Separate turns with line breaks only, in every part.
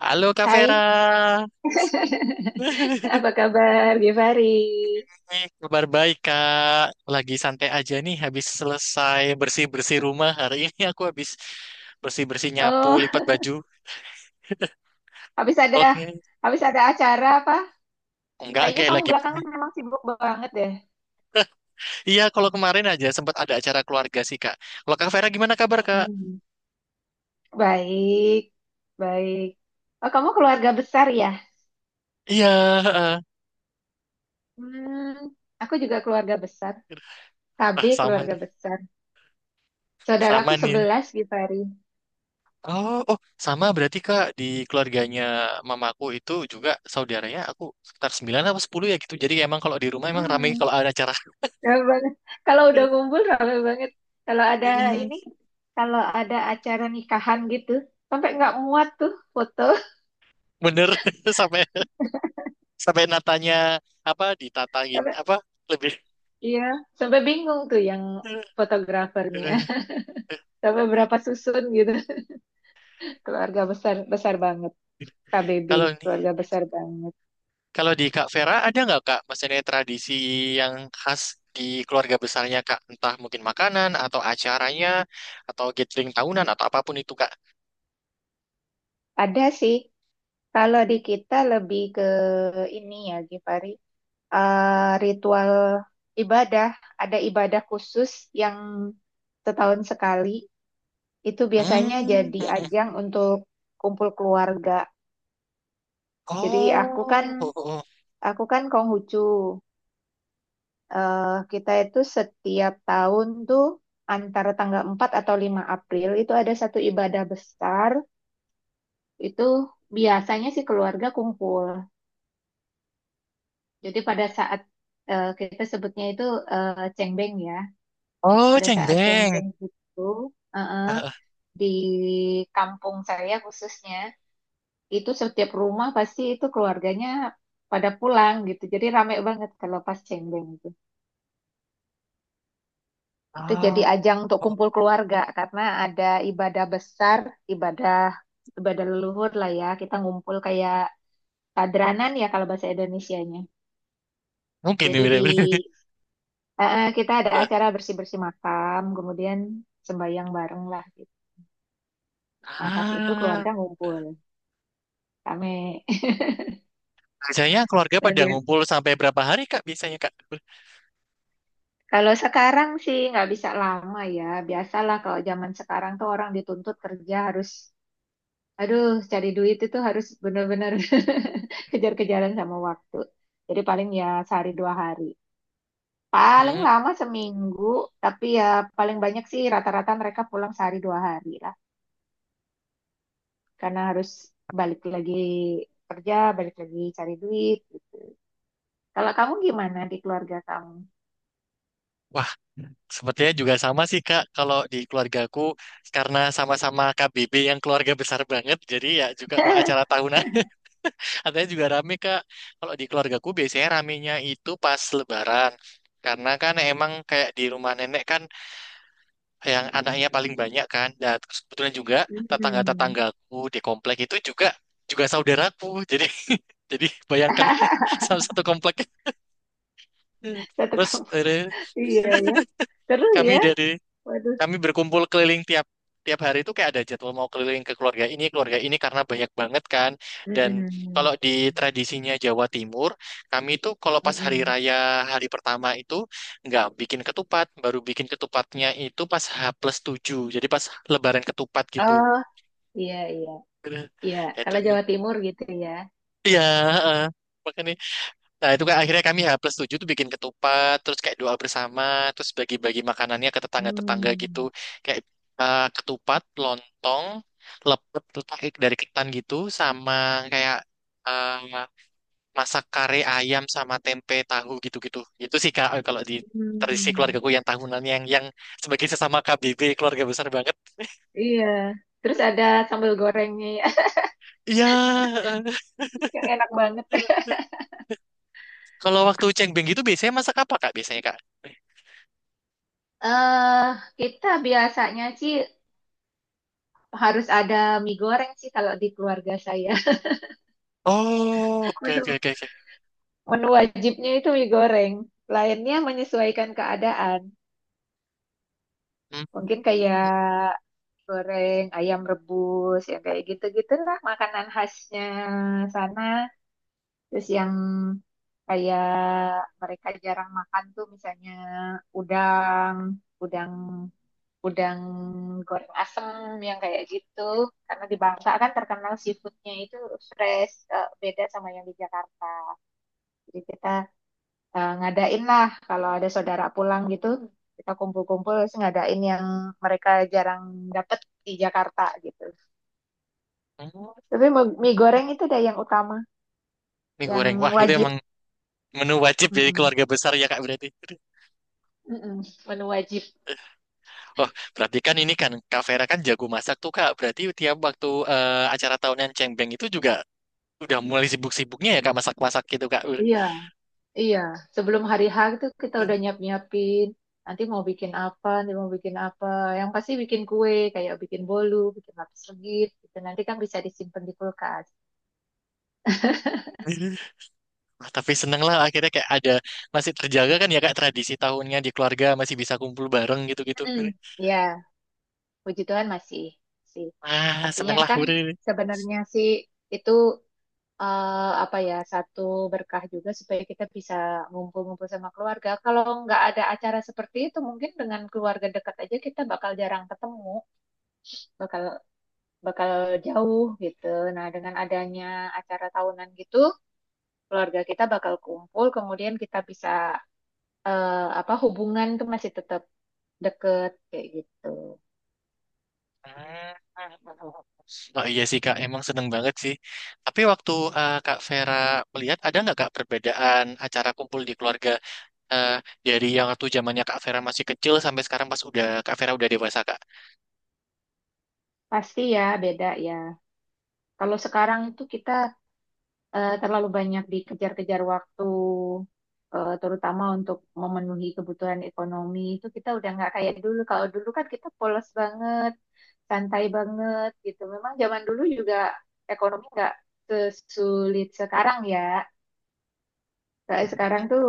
Halo Kak
Hai,
Vera.
apa kabar Givari?
Nih, kabar baik Kak. Lagi santai aja nih habis selesai bersih-bersih rumah. Hari ini aku habis bersih-bersih nyapu,
Oh,
lipat baju.
habis ada
Oke.
habis ada acara apa?
Enggak
Kayaknya
kayak
kamu
lagi.
belakangan memang sibuk banget deh.
Iya, kalau kemarin aja sempat ada acara keluarga sih Kak. Kalau Kak Vera gimana kabar Kak?
Hmm, Baik, baik. Oh, kamu keluarga besar ya?
Iya, heeh.
Hmm, aku juga keluarga besar. KB
Ah, sama
keluarga besar.
sama
Saudaraku
nih.
11, Givari.
Oh, oh, sama berarti Kak di keluarganya mamaku itu juga saudaranya aku sekitar 9 apa 10 ya gitu. Jadi emang kalau di rumah emang ramai
Hmm,
kalau ada acara.
rame banget. Kalau udah ngumpul rame banget. Kalau ada ini, kalau ada acara nikahan gitu, sampai nggak muat tuh foto.
Bener. sampai sampai natanya, apa ditatangin
Sampai,
apa lebih.
iya, sampai bingung tuh yang fotografernya. Sampai berapa susun gitu. Keluarga besar besar banget. KBB,
Kalau ini,
keluarga besar banget.
kalau di Kak Vera ada nggak Kak maksudnya tradisi yang khas di keluarga besarnya Kak, entah mungkin makanan atau acaranya atau gathering tahunan atau apapun itu Kak?
Ada sih, kalau di kita lebih ke ini ya, Gifari. Ritual ibadah. Ada ibadah khusus yang setahun sekali. Itu biasanya
Hmm.
jadi ajang untuk kumpul keluarga. Jadi aku kan
Oh.
aku kan Konghucu. eh, kita itu setiap tahun tuh antara tanggal 4 atau 5 April itu ada satu ibadah besar. Itu biasanya sih keluarga kumpul. Jadi pada saat kita sebutnya itu cengbeng ya.
Oh,
Pada saat
cengbeng.
cengbeng itu eh, eh,
Eh,
di kampung saya khususnya itu setiap rumah pasti itu keluarganya pada pulang gitu. Jadi rame banget kalau pas cengbeng. Itu jadi
oh,
ajang untuk kumpul keluarga karena ada ibadah besar, ibadah ibadah leluhur lah ya. Kita ngumpul kayak padranan ya kalau bahasa Indonesianya.
mungkin ini
Jadi
bener-bener.
kita ada
Eh,
acara bersih-bersih makam, kemudian sembahyang bareng lah gitu. Nah, pas itu
ah,
keluarga ngumpul. Kami
biasanya keluarga
Dan
pada
ya,
ngumpul sampai berapa hari Kak biasanya Kak?
Kalau sekarang sih nggak bisa lama ya. Biasalah kalau zaman sekarang tuh orang dituntut kerja aduh, cari duit itu harus benar-benar kejar-kejaran sama waktu. Jadi paling ya sehari dua hari. Paling
Hmm.
lama seminggu, tapi ya paling banyak sih rata-rata mereka pulang sehari dua hari lah. Karena harus balik lagi kerja, balik lagi cari duit. Kalau kamu gimana di keluarga kamu?
Wah, sepertinya juga sama sih Kak, kalau di keluargaku karena sama-sama KBB yang keluarga besar banget, jadi ya juga kalau acara tahunan katanya juga rame Kak. Kalau di keluargaku biasanya ramenya itu pas Lebaran. Karena kan emang kayak di rumah nenek kan yang anaknya paling banyak kan. Dan terus kebetulan juga
Hmm.
tetangga-tetanggaku di komplek itu juga juga saudaraku. Jadi jadi bayangkan, sama satu komplek.
Satu
Terus
kamu. Iya ya. Terus
kami
ya.
dari
Waduh.
Kami berkumpul keliling tiap tiap hari itu kayak ada jadwal mau keliling ke keluarga ini karena banyak banget kan. Dan kalau
Mm-mm.
di tradisinya Jawa Timur, kami itu kalau pas hari
Mm-mm.
raya hari pertama itu nggak bikin ketupat, baru bikin ketupatnya itu pas H plus tujuh. Jadi pas Lebaran ketupat gitu.
Oh, iya iya.
Gitu.
Iya,
Ya itu.
kalau Jawa Timur gitu ya.
Iya, heeh. Makanya, nah, itu kan akhirnya kami H plus 7 tuh bikin ketupat, terus kayak doa bersama, terus bagi-bagi makanannya ke tetangga-tetangga gitu.
Hmm.
Kayak ketupat, lontong, lepet kayak dari ketan gitu, sama kayak eh, masak kare ayam sama tempe tahu gitu-gitu. Itu sih Kak, kalau di tradisi
Hmm,
keluargaku yang tahunan, yang sebagai sesama KBB keluarga besar banget.
iya. Terus ada sambal gorengnya ya,
Iya.
yang enak banget.
Kalau waktu cengbeng gitu biasanya masak apa Kak biasanya Kak?
Eh, kita biasanya sih harus ada mie goreng sih kalau di keluarga saya.
Oh, oke, oke,
Menu,
oke, oke.
menu wajibnya itu mie goreng. Lainnya menyesuaikan keadaan. Mungkin kayak goreng, ayam rebus, ya kayak gitu-gitu lah makanan khasnya sana. Terus yang kayak mereka jarang makan tuh misalnya udang, udang, udang goreng asem yang kayak gitu. Karena di Bangka kan terkenal seafoodnya itu fresh, beda sama yang di Jakarta. Jadi kita ngadain lah kalau ada saudara pulang gitu, kita kumpul-kumpul terus ngadain yang mereka jarang dapet di Jakarta gitu.
Hmm.
Tapi mie goreng itu deh yang utama,
Mie goreng.
yang
Wah, itu emang
wajib.
menu wajib jadi
Mm-mm.
keluarga besar ya, Kak, berarti.
Mm-mm, menu wajib.
Wah, berarti kan ini kan Kak Vera kan jago masak tuh, Kak. Berarti tiap waktu acara tahunan Cengbeng itu juga udah mulai sibuk-sibuknya ya, Kak, masak-masak gitu, Kak.
Iya. Iya, sebelum hari H itu kita udah nyiap-nyiapin. Nanti mau bikin apa, nanti mau bikin apa. Yang pasti bikin kue, kayak bikin bolu, bikin lapis legit. Gitu. Nanti kan bisa disimpan di kulkas.
Wah, tapi seneng lah akhirnya kayak ada masih terjaga kan ya, Kak, tradisi tahunnya di keluarga masih bisa kumpul bareng gitu-gitu.
Mm-mm. Iya, puji Tuhan masih sih.
Ah,
Artinya
seneng lah.
kan sebenarnya sih itu apa ya satu berkah juga supaya kita bisa ngumpul-ngumpul sama keluarga. Kalau nggak ada acara seperti itu, mungkin dengan keluarga dekat aja kita bakal jarang ketemu, bakal bakal jauh gitu. Nah, dengan adanya acara tahunan gitu, keluarga kita bakal kumpul, kemudian kita bisa eh, apa hubungan tuh masih tetap deket kayak gitu.
Ah. Oh iya sih Kak, emang seneng banget sih. Tapi waktu Kak Vera melihat ada nggak Kak perbedaan acara kumpul di keluarga, eh, dari yang waktu zamannya Kak Vera masih kecil sampai sekarang pas udah Kak Vera udah dewasa Kak?
Pasti ya beda ya. Kalau sekarang tuh kita terlalu banyak dikejar-kejar waktu, terutama untuk memenuhi kebutuhan ekonomi itu kita udah nggak kayak dulu. Kalau dulu kan kita polos banget, santai banget gitu. Memang zaman dulu juga ekonomi nggak sesulit sekarang ya. Kayak sekarang tuh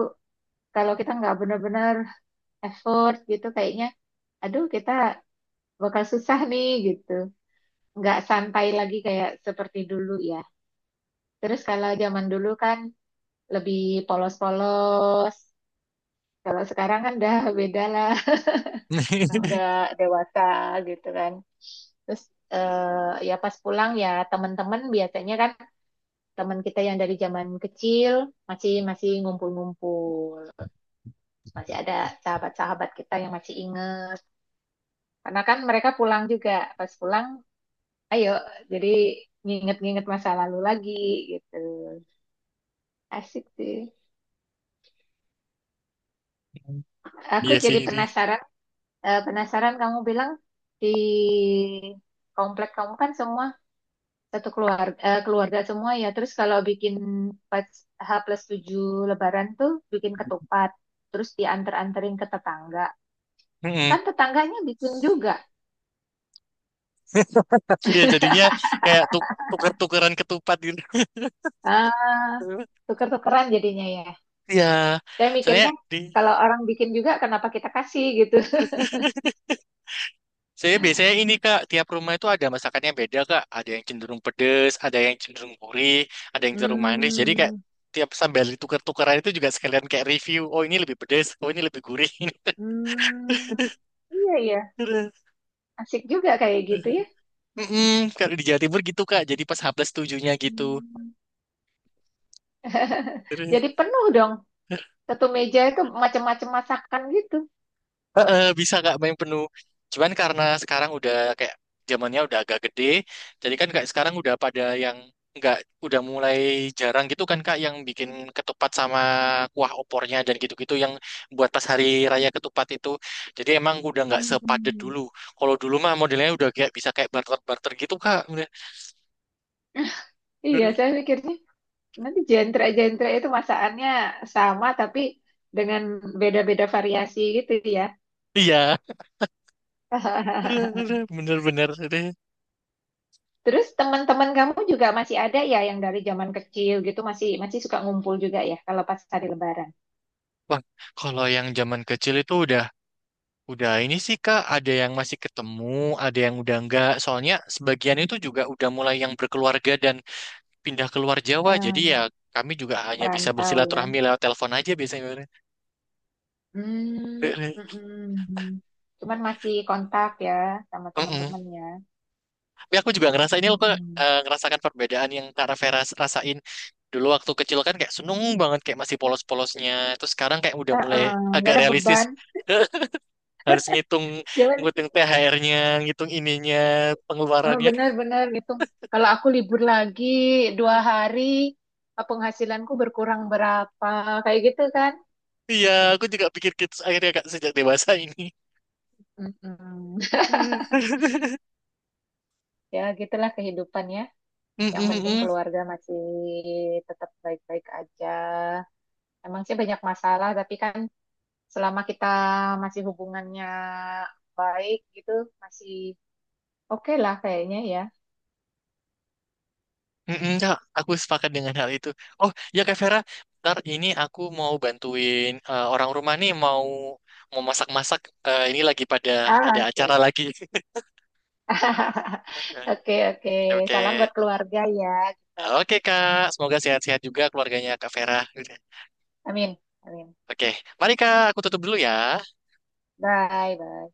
kalau kita nggak benar-benar effort gitu kayaknya, aduh kita bakal susah nih gitu. Nggak santai lagi kayak seperti dulu ya. Terus kalau zaman dulu kan lebih polos-polos. Kalau sekarang kan udah beda lah. Orang udah dewasa gitu kan. Terus ya pas pulang ya teman-teman biasanya kan teman kita yang dari zaman kecil masih masih ngumpul-ngumpul. Terus masih ada sahabat-sahabat kita yang masih inget. Karena kan mereka pulang juga. Pas pulang, ayo jadi nginget-nginget masa lalu lagi gitu. Asik sih. Aku
Iya sih
jadi
ini.
penasaran, eh, penasaran kamu bilang di komplek kamu kan semua satu keluarga eh, keluarga semua ya. Terus kalau bikin pas H+7 Lebaran tuh bikin ketupat, terus diantar-anterin ke tetangga.
Mm-mm.
Kan tetangganya bikin juga.
Iya jadinya kayak tuker-tukeran ketupat gitu.
Ah, tuker-tukeran jadinya ya.
Iya,
Saya
soalnya
mikirnya
di
kalau orang bikin juga kenapa kita kasih gitu.
saya biasanya ini Kak, tiap rumah itu ada masakannya beda Kak. Ada yang cenderung pedes, ada yang cenderung gurih, ada yang cenderung manis. Jadi kayak
Hmm,
tiap sambil ditukar-tukaran itu juga sekalian kayak review. Oh ini lebih pedes, oh ini lebih gurih.
hmm, iya iya,
Terus,
asik juga kayak gitu ya.
mm-mm, kalau di Jawa Timur gitu Kak. Jadi pas H plus tujuhnya gitu.
Hmm. Jadi penuh dong. Satu meja itu macam-macam masakan gitu.
Heeh, bisa nggak main penuh. Cuman karena sekarang udah kayak zamannya udah agak gede, jadi kan kayak sekarang udah pada yang nggak udah mulai jarang gitu kan kak yang bikin ketupat sama kuah opornya dan gitu-gitu yang buat pas hari raya ketupat itu. Jadi emang udah nggak sepadet
Hmm.
dulu. Kalau dulu mah modelnya udah kayak bisa kayak barter-barter gitu kak.
Iya, saya mikirnya nanti jentra jentra itu masakannya sama tapi dengan beda-beda variasi gitu ya.
Iya, bener-bener.
Terus teman-teman kamu juga masih ada ya yang dari zaman kecil gitu masih masih suka ngumpul juga ya kalau pas hari Lebaran.
Wah, kalau yang zaman kecil itu udah. Udah ini sih Kak, ada yang masih ketemu, ada yang udah enggak. Soalnya sebagian itu juga udah mulai yang berkeluarga dan pindah keluar Jawa. Jadi
Hmm,
ya kami juga hanya bisa
merantau ya.
bersilaturahmi lewat telepon aja biasanya.
Hmm, mm-mm. Cuman masih kontak ya sama
Mm-mm.
teman-teman ya.
Tapi aku juga ngerasa ini loh Kak,
Mm-mm.
ngerasakan perbedaan yang Kak Rafera rasain. Dulu waktu kecil kan kayak seneng banget kayak masih polos-polosnya. Terus sekarang kayak udah mulai
Uh-uh, nggak
agak
ada
realistis.
beban.
Harus ngitung,
Jangan
ngitung THR-nya, ngitung ininya,
eh,
pengeluarannya.
benar-benar gitu. Kalau aku libur lagi 2 hari, penghasilanku berkurang berapa, kayak gitu kan?
Iya, aku juga pikir gitu akhirnya Kak sejak dewasa ini.
Mm-mm. Ya, gitulah kehidupan ya. Yang penting
Mm-mm-mm.
keluarga masih tetap baik-baik aja. Emang sih banyak masalah, tapi kan selama kita masih hubungannya baik gitu, masih oke lah kayaknya ya.
Mm-mm, Kak, aku sepakat dengan hal itu. Oh, ya Kak Vera, ntar ini aku mau bantuin orang rumah nih mau mau masak-masak. Eh, ini lagi pada ada
Ah,
acara
oke.
lagi.
Oke, oke. Salam
Oke.
buat keluarga ya. Kita.
Oke Kak, semoga sehat-sehat juga keluarganya Kak Vera.
Amin, amin.
Oke, mari Kak, aku tutup dulu ya.
Bye, bye.